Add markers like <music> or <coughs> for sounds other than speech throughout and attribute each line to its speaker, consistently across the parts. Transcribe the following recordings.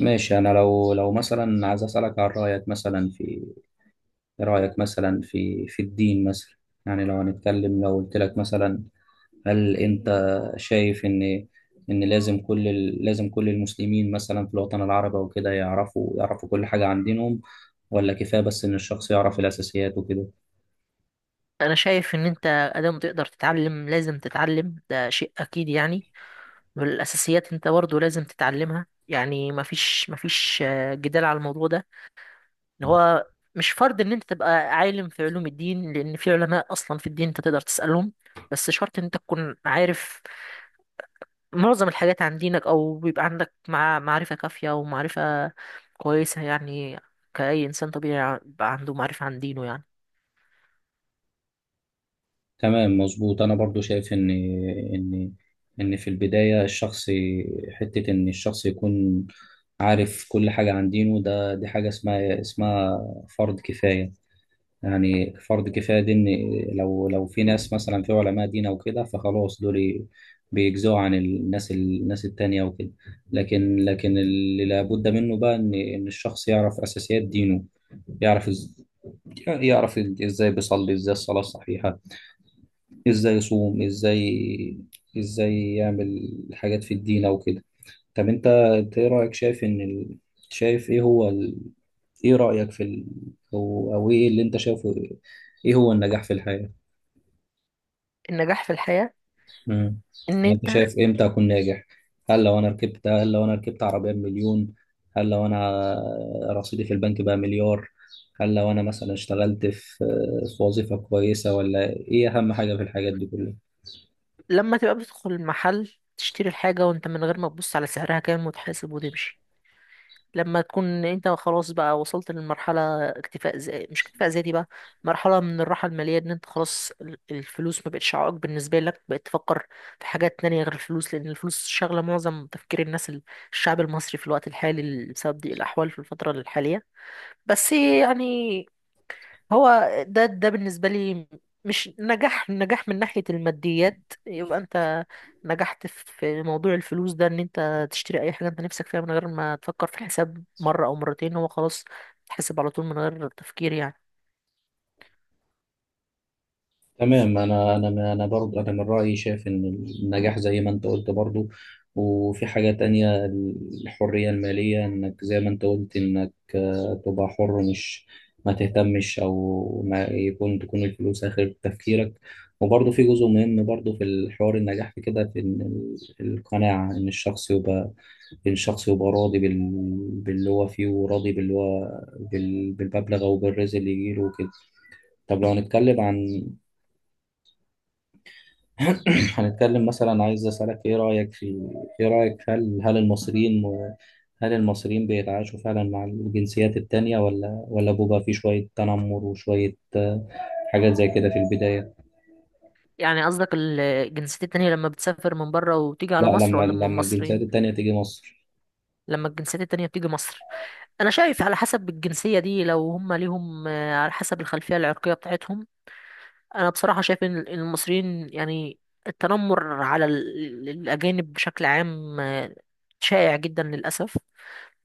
Speaker 1: ماشي. انا لو مثلا عايز اسالك عن رايك مثلا في، إيه رايك مثلا في الدين مثلا؟ يعني لو هنتكلم لو قلت لك مثلا، هل انت شايف ان لازم لازم كل المسلمين مثلا في الوطن العربي وكده يعرفوا كل حاجه عن دينهم، ولا كفايه بس ان الشخص يعرف الاساسيات وكده؟
Speaker 2: انا شايف ان انت ادام تقدر تتعلم لازم تتعلم ده شيء اكيد يعني. والاساسيات انت برضه لازم تتعلمها، يعني مفيش جدال على الموضوع ده، اللي هو مش فرض ان انت تبقى عالم في علوم الدين، لان في علماء اصلا في الدين انت تقدر تسالهم. بس شرط ان انت تكون عارف معظم الحاجات عن دينك، او بيبقى عندك مع معرفه كافيه ومعرفه كويسه يعني، كأي انسان طبيعي يبقى عنده معرفه عن دينه يعني.
Speaker 1: تمام، مظبوط. انا برضو شايف ان ان في البدايه الشخص، حته ان الشخص يكون عارف كل حاجه عن دينه، ده دي حاجه اسمها فرض كفايه. يعني فرض كفايه دي ان لو في ناس مثلا في علماء دين او كده، فخلاص دول بيجزوا عن الناس التانية وكده. لكن اللي لابد منه بقى ان الشخص يعرف اساسيات دينه. يعرف يعرف ازاي بيصلي، ازاي الصلاه الصحيحه، ازاي يصوم، ازاي يعمل حاجات في الدين او كده. طب انت، ايه رايك؟ شايف ان ال... شايف ايه هو ال... ايه رايك في ال... او ايه اللي انت شايفه؟ ايه هو النجاح في الحياه؟
Speaker 2: النجاح في الحياه
Speaker 1: امم
Speaker 2: ان
Speaker 1: يعني انت
Speaker 2: انت
Speaker 1: شايف امتى اكون ناجح؟ هل لو انا ركبت، هل لو انا ركبت عربيه بمليون؟ هل لو انا رصيدي في البنك بقى مليار؟ هل لو انا مثلا اشتغلت في، في وظيفه كويسه؟ ولا ايه اهم حاجه في الحاجات دي كلها؟
Speaker 2: لما تبقى بتدخل المحل تشتري الحاجة، وانت من غير ما تبص على سعرها كام، وتحاسب وتمشي. لما تكون انت خلاص بقى وصلت للمرحلة اكتفاء، زي مش اكتفاء ذاتي بقى، مرحلة من الراحة المالية، ان انت خلاص الفلوس ما بقتش عائق بالنسبة لك، بقيت تفكر في حاجات تانية غير الفلوس، لأن الفلوس شاغلة معظم تفكير الناس، الشعب المصري في الوقت الحالي بسبب ضيق الأحوال في الفترة الحالية، بس يعني. هو ده بالنسبة لي مش نجاح. نجاح من ناحية الماديات يبقى انت نجحت في موضوع الفلوس ده، ان انت تشتري اي حاجة انت نفسك فيها من غير ما تفكر في الحساب مرة او مرتين، هو خلاص تحسب على طول من غير تفكير يعني.
Speaker 1: تمام. انا برضو انا من رايي شايف ان النجاح زي ما انت قلت برضو، وفي حاجه تانية، الحريه الماليه، انك زي ما انت قلت انك تبقى حر، مش ما تهتمش، او ما يكون تكون الفلوس اخر تفكيرك. وبرضو في جزء مهم برضو في الحوار النجاح في كده، في إن القناعه، ان الشخص يبقى، إن الشخص يبقى راضي بال... باللي هو فيه، وراضي باللي هو، بال... بالمبلغ او بالرزق اللي يجيله وكده. طب لو هنتكلم عن، <clears throat> هنتكلم مثلا، عايز أسألك إيه رأيك في، إيه رأيك هل المصريين، هل المصريين بيتعايشوا فعلا مع الجنسيات التانية، ولا بيبقى في شوية تنمر وشوية حاجات زي كده في البداية؟
Speaker 2: يعني قصدك الجنسيات التانية لما بتسافر من بره وتيجي
Speaker 1: لا،
Speaker 2: على مصر،
Speaker 1: لما
Speaker 2: ولا من
Speaker 1: لما الجنسيات
Speaker 2: المصريين؟
Speaker 1: التانية تيجي مصر.
Speaker 2: لما الجنسيات التانية بتيجي مصر، انا شايف على حسب الجنسية دي، لو هم ليهم على حسب الخلفية العرقية بتاعتهم. انا بصراحه شايف ان المصريين يعني التنمر على الاجانب بشكل عام شائع جدا للاسف،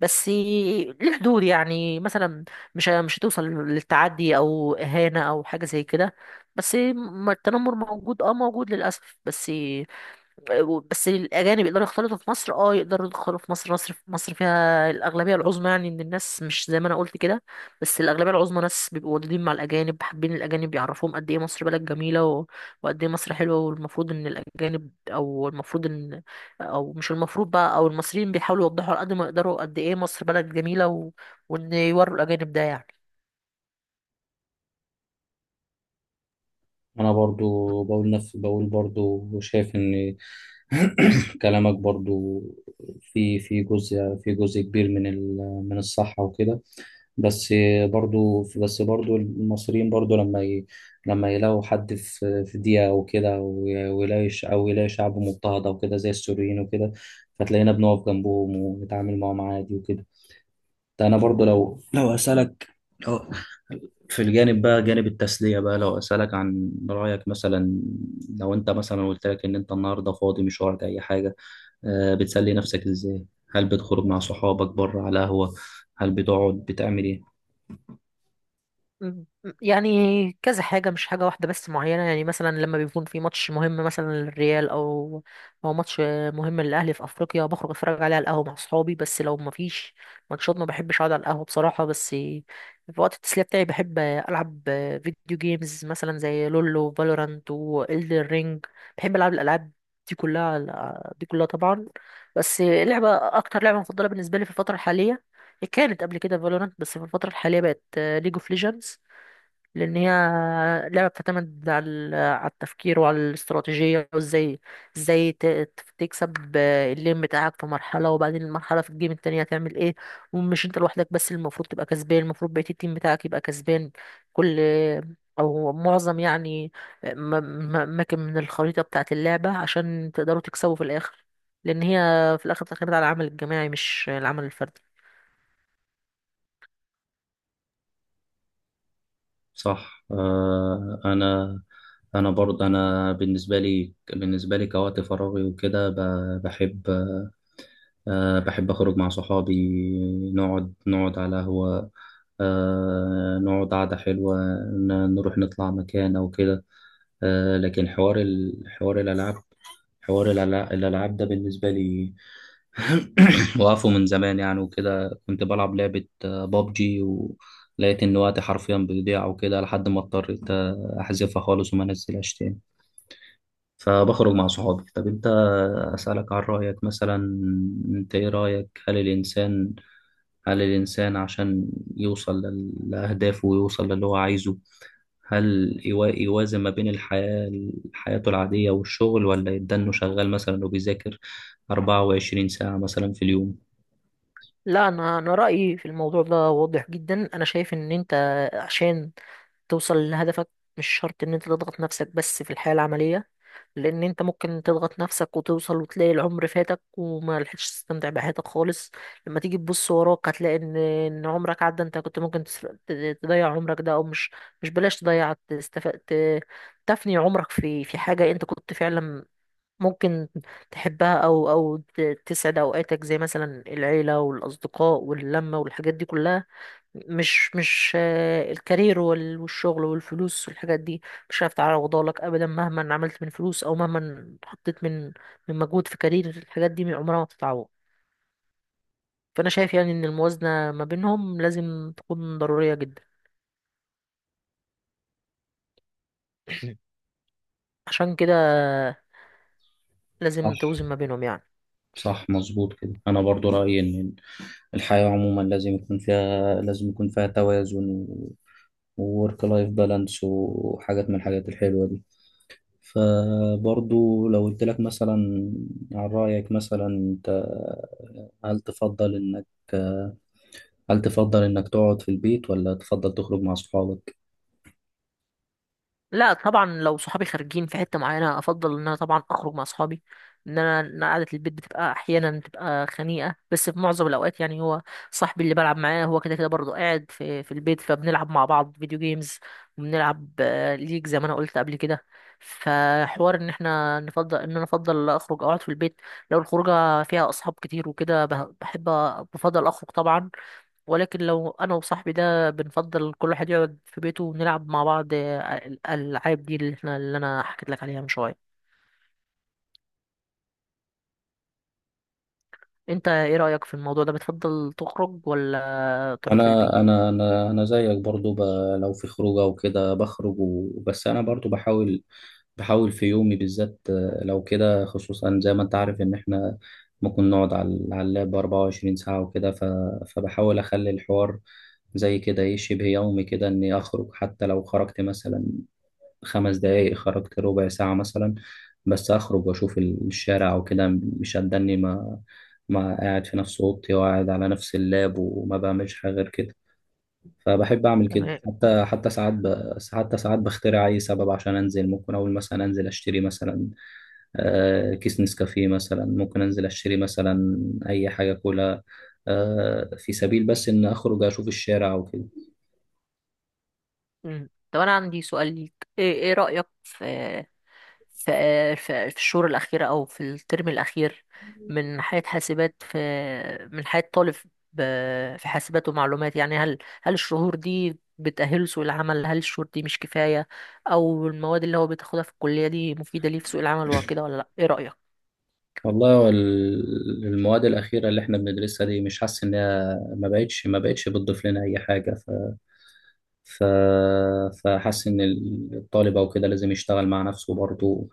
Speaker 2: بس ليه حدود يعني، مثلا مش هتوصل للتعدي او اهانه او حاجه زي كده. بس ما التنمر موجود، اه موجود للاسف. بس الاجانب يقدروا يختلطوا في مصر، اه يقدروا يدخلوا في مصر. مصر فيها الاغلبيه العظمى يعني من الناس، مش زي ما انا قلت كده. بس الاغلبيه العظمى ناس بيبقوا ودودين مع الاجانب، حابين الاجانب يعرفوهم قد ايه مصر بلد جميله وقد ايه مصر حلوه، والمفروض ان الاجانب او المفروض ان، او مش المفروض بقى، او المصريين بيحاولوا يوضحوا على قد ما يقدروا قد ايه مصر بلد جميله وان يوروا الاجانب ده يعني.
Speaker 1: أنا برضو بقول نفس، بقول برضو شايف إن، <clears throat> كلامك برضو في جزء كبير من من الصحة وكده. بس برضو، بس برضو المصريين برضو لما ي... لما يلاقوا حد في دقيقة أو كده، ويلاقي أو يلاقي شعب مضطهد أو كده زي السوريين وكده، فتلاقينا بنقف جنبهم ونتعامل معاهم عادي وكده. ده أنا برضو لو لو في الجانب بقى، جانب التسلية بقى، لو أسألك عن رأيك مثلا، لو أنت مثلا قلت لك إن أنت النهاردة فاضي، مش وراك أي حاجة، بتسلي نفسك إزاي؟ هل بتخرج مع صحابك بره على قهوة؟ هل بتقعد؟ بتعمل إيه؟
Speaker 2: مم. يعني كذا حاجة مش حاجة واحدة بس معينة، يعني مثلا لما بيكون في ماتش مهم مثلا للريال، أو ماتش مهم للأهلي في أفريقيا، بخرج أتفرج عليه على القهوة مع صحابي. بس لو مفيش ماتشات ما بحبش أقعد على القهوة بصراحة، بس في وقت التسلية بتاعي بحب ألعب فيديو جيمز، مثلا زي لولو فالورانت وإلدر رينج. بحب ألعب الألعاب دي كلها، دي كلها طبعا. بس لعبة، أكتر لعبة مفضلة بالنسبة لي في الفترة الحالية كانت قبل كده فالورانت، بس في الفترة الحالية بقت ليج اوف ليجندز، لان هي لعبه بتعتمد على على التفكير وعلى الاستراتيجيه، وازاي تكسب اللين بتاعك في مرحله، وبعدين المرحله في الجيم التانية هتعمل ايه. ومش انت لوحدك بس اللي المفروض تبقى كسبان، المفروض بقيه التيم بتاعك يبقى كسبان، كل او معظم يعني م- اماكن من الخريطه بتاعه اللعبه عشان تقدروا تكسبوا في الاخر، لان هي في الاخر تعتمد على العمل الجماعي مش العمل الفردي.
Speaker 1: صح. انا برضه انا بالنسبه لي، بالنسبه لي كوقت فراغي وكده، بحب بحب اخرج مع صحابي، نقعد على قهوه، نقعد قعده حلوه، نروح نطلع مكان او كده. لكن حوار حوار الالعاب، حوار الالعاب ده بالنسبه لي <coughs> <clears throat> وقفوا من زمان يعني وكده. كنت بلعب لعبة بابجي، ولقيت إن وقتي حرفيا بيضيع وكده، لحد ما اضطريت أحذفها خالص وما أنزلهاش تاني. فبخرج مع صحابي. طب أنت، أسألك عن رأيك مثلا، أنت إيه رأيك هل الإنسان، هل الإنسان عشان يوصل لأهدافه ويوصل للي هو عايزه، هل يوازن ما بين الحياة، حياته العادية والشغل، ولا يدنه شغال مثلا وبيذاكر 24 ساعة مثلا في اليوم؟
Speaker 2: لا، انا رايي في الموضوع ده واضح جدا. انا شايف ان انت عشان توصل لهدفك مش شرط ان انت تضغط نفسك بس في الحياة العملية، لان انت ممكن تضغط نفسك وتوصل وتلاقي العمر فاتك وما لحقتش تستمتع بحياتك خالص. لما تيجي تبص وراك هتلاقي ان عمرك عدى، انت كنت ممكن تضيع عمرك ده، او مش مش بلاش تضيع تستف... ت- تفني عمرك في حاجة انت كنت فعلا ممكن تحبها، او تسعد اوقاتك، زي مثلا العيلة والاصدقاء واللمة والحاجات دي كلها، مش الكارير والشغل والفلوس والحاجات دي، مش هعرف تعوضها لك ابدا، مهما عملت من فلوس او مهما حطيت من مجهود في كارير. الحاجات دي عمرها ما تتعوض، فانا شايف يعني ان الموازنه ما بينهم لازم تكون ضروريه جدا. <clears throat> عشان كده لازم
Speaker 1: صح،
Speaker 2: توزن ما بينهم يعني.
Speaker 1: صح، مظبوط كده. انا برضو رايي ان الحياه عموما لازم يكون فيها، لازم يكون فيها توازن، وورك لايف بالانس وحاجات من الحاجات الحلوه دي. فبرضو لو قلت لك مثلا، عن رايك مثلا، انت هل تفضل انك، هل تفضل انك تقعد في البيت، ولا تفضل تخرج مع اصحابك؟
Speaker 2: لا طبعا، لو صحابي خارجين في حتة معينة افضل ان انا طبعا اخرج مع صحابي. ان انا إن قعدة البيت بتبقى احيانا بتبقى خنيقة، بس في معظم الاوقات يعني هو صاحبي اللي بلعب معاه هو كده كده برضه قاعد في البيت فبنلعب مع بعض فيديو جيمز، وبنلعب ليج زي ما انا قلت قبل كده. فحوار ان احنا نفضل ان انا افضل اخرج او اقعد في البيت، لو الخروجه فيها اصحاب كتير وكده بحب بفضل اخرج طبعا. ولكن لو انا وصاحبي ده بنفضل كل واحد يقعد في بيته ونلعب مع بعض الالعاب دي، اللي انا حكيت لك عليها من شويه. انت ايه رايك في الموضوع ده، بتفضل تخرج ولا تقعد في البيت؟
Speaker 1: انا زيك برضو ب... لو في خروجه وكده بخرج و... بس انا برضو بحاول، بحاول في يومي بالذات لو كده، خصوصا زي ما انت عارف ان احنا ممكن نقعد على اللاب 24 ساعه وكده، ف... فبحاول اخلي الحوار زي كده ايه، شبه يومي كده، اني اخرج حتى لو خرجت مثلا خمس دقايق، خرجت ربع ساعه مثلا، بس اخرج واشوف الشارع وكده. مش هتدني ما قاعد في نفس اوضتي وقاعد على نفس اللاب وما بعملش حاجه غير كده. فبحب اعمل كده،
Speaker 2: تمام.
Speaker 1: حتى ساعات ب... حتى ساعات بخترع اي سبب عشان انزل. ممكن اقول مثلا انزل اشتري مثلا كيس نسكافيه، مثلا ممكن انزل اشتري مثلا اي حاجه، كلها في سبيل بس ان اخرج اشوف الشارع وكده.
Speaker 2: مم. طب انا عندي سؤال ليك، ايه رايك في في في الشهور الأخيرة، أو في الترم الأخير من حياة حاسبات في من حياة طالب في حاسبات ومعلومات، يعني هل الشهور دي بتأهله سوق العمل، هل الشهور دي مش كفاية، أو المواد اللي هو بتاخدها في الكلية دي مفيدة ليه في سوق العمل وكده ولا لأ؟ إيه رأيك؟
Speaker 1: والله، هو المواد الاخيره اللي احنا بندرسها دي مش حاسس انها، ما بقتش، ما بقتش بتضيف لنا اي حاجه. ف... فحس ان الطالب او كده لازم يشتغل مع نفسه برضه.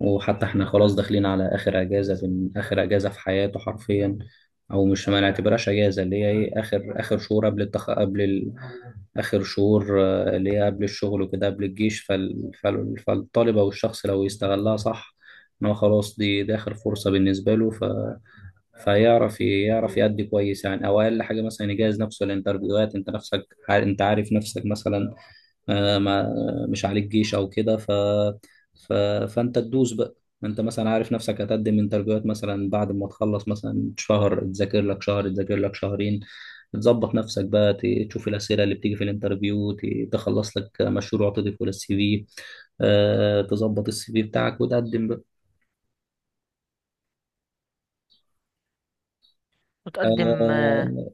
Speaker 1: وحتى احنا خلاص داخلين على اخر اجازه، في اخر اجازه في حياته حرفيا، او مش ما نعتبرهاش اجازه، اللي هي ايه، اخر شهور قبل التخ... قبل ال... اخر شهور اللي هي قبل الشغل وكده، قبل الجيش. فال... فال... فالطالب او الشخص لو يستغلها صح، ان هو خلاص دي, دي اخر فرصه بالنسبه له، ف... فيعرف، يعرف يأدي كويس يعني، او اقل حاجه مثلا يجهز نفسه للانترفيوهات. انت نفسك انت عارف نفسك مثلا آه، ما مش عليك جيش او كده، ف... ف... فانت تدوس بقى. انت مثلا عارف نفسك هتقدم انترفيوهات مثلا، بعد ما تخلص مثلا شهر تذاكر لك، تذاكر لك شهرين، تظبط نفسك بقى، تشوف الاسئله اللي بتيجي في الانترفيو، تخلص لك مشروع تضيفه للسي في، تظبط السي في بتاعك وتقدم بقى.
Speaker 2: متقدم.
Speaker 1: آه،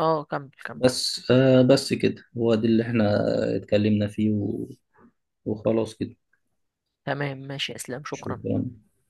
Speaker 2: اه كمل كمل.
Speaker 1: بس كده هو ده اللي احنا اتكلمنا فيه و... وخلاص كده.
Speaker 2: تمام ماشي يا اسلام، شكرا.
Speaker 1: شكرا.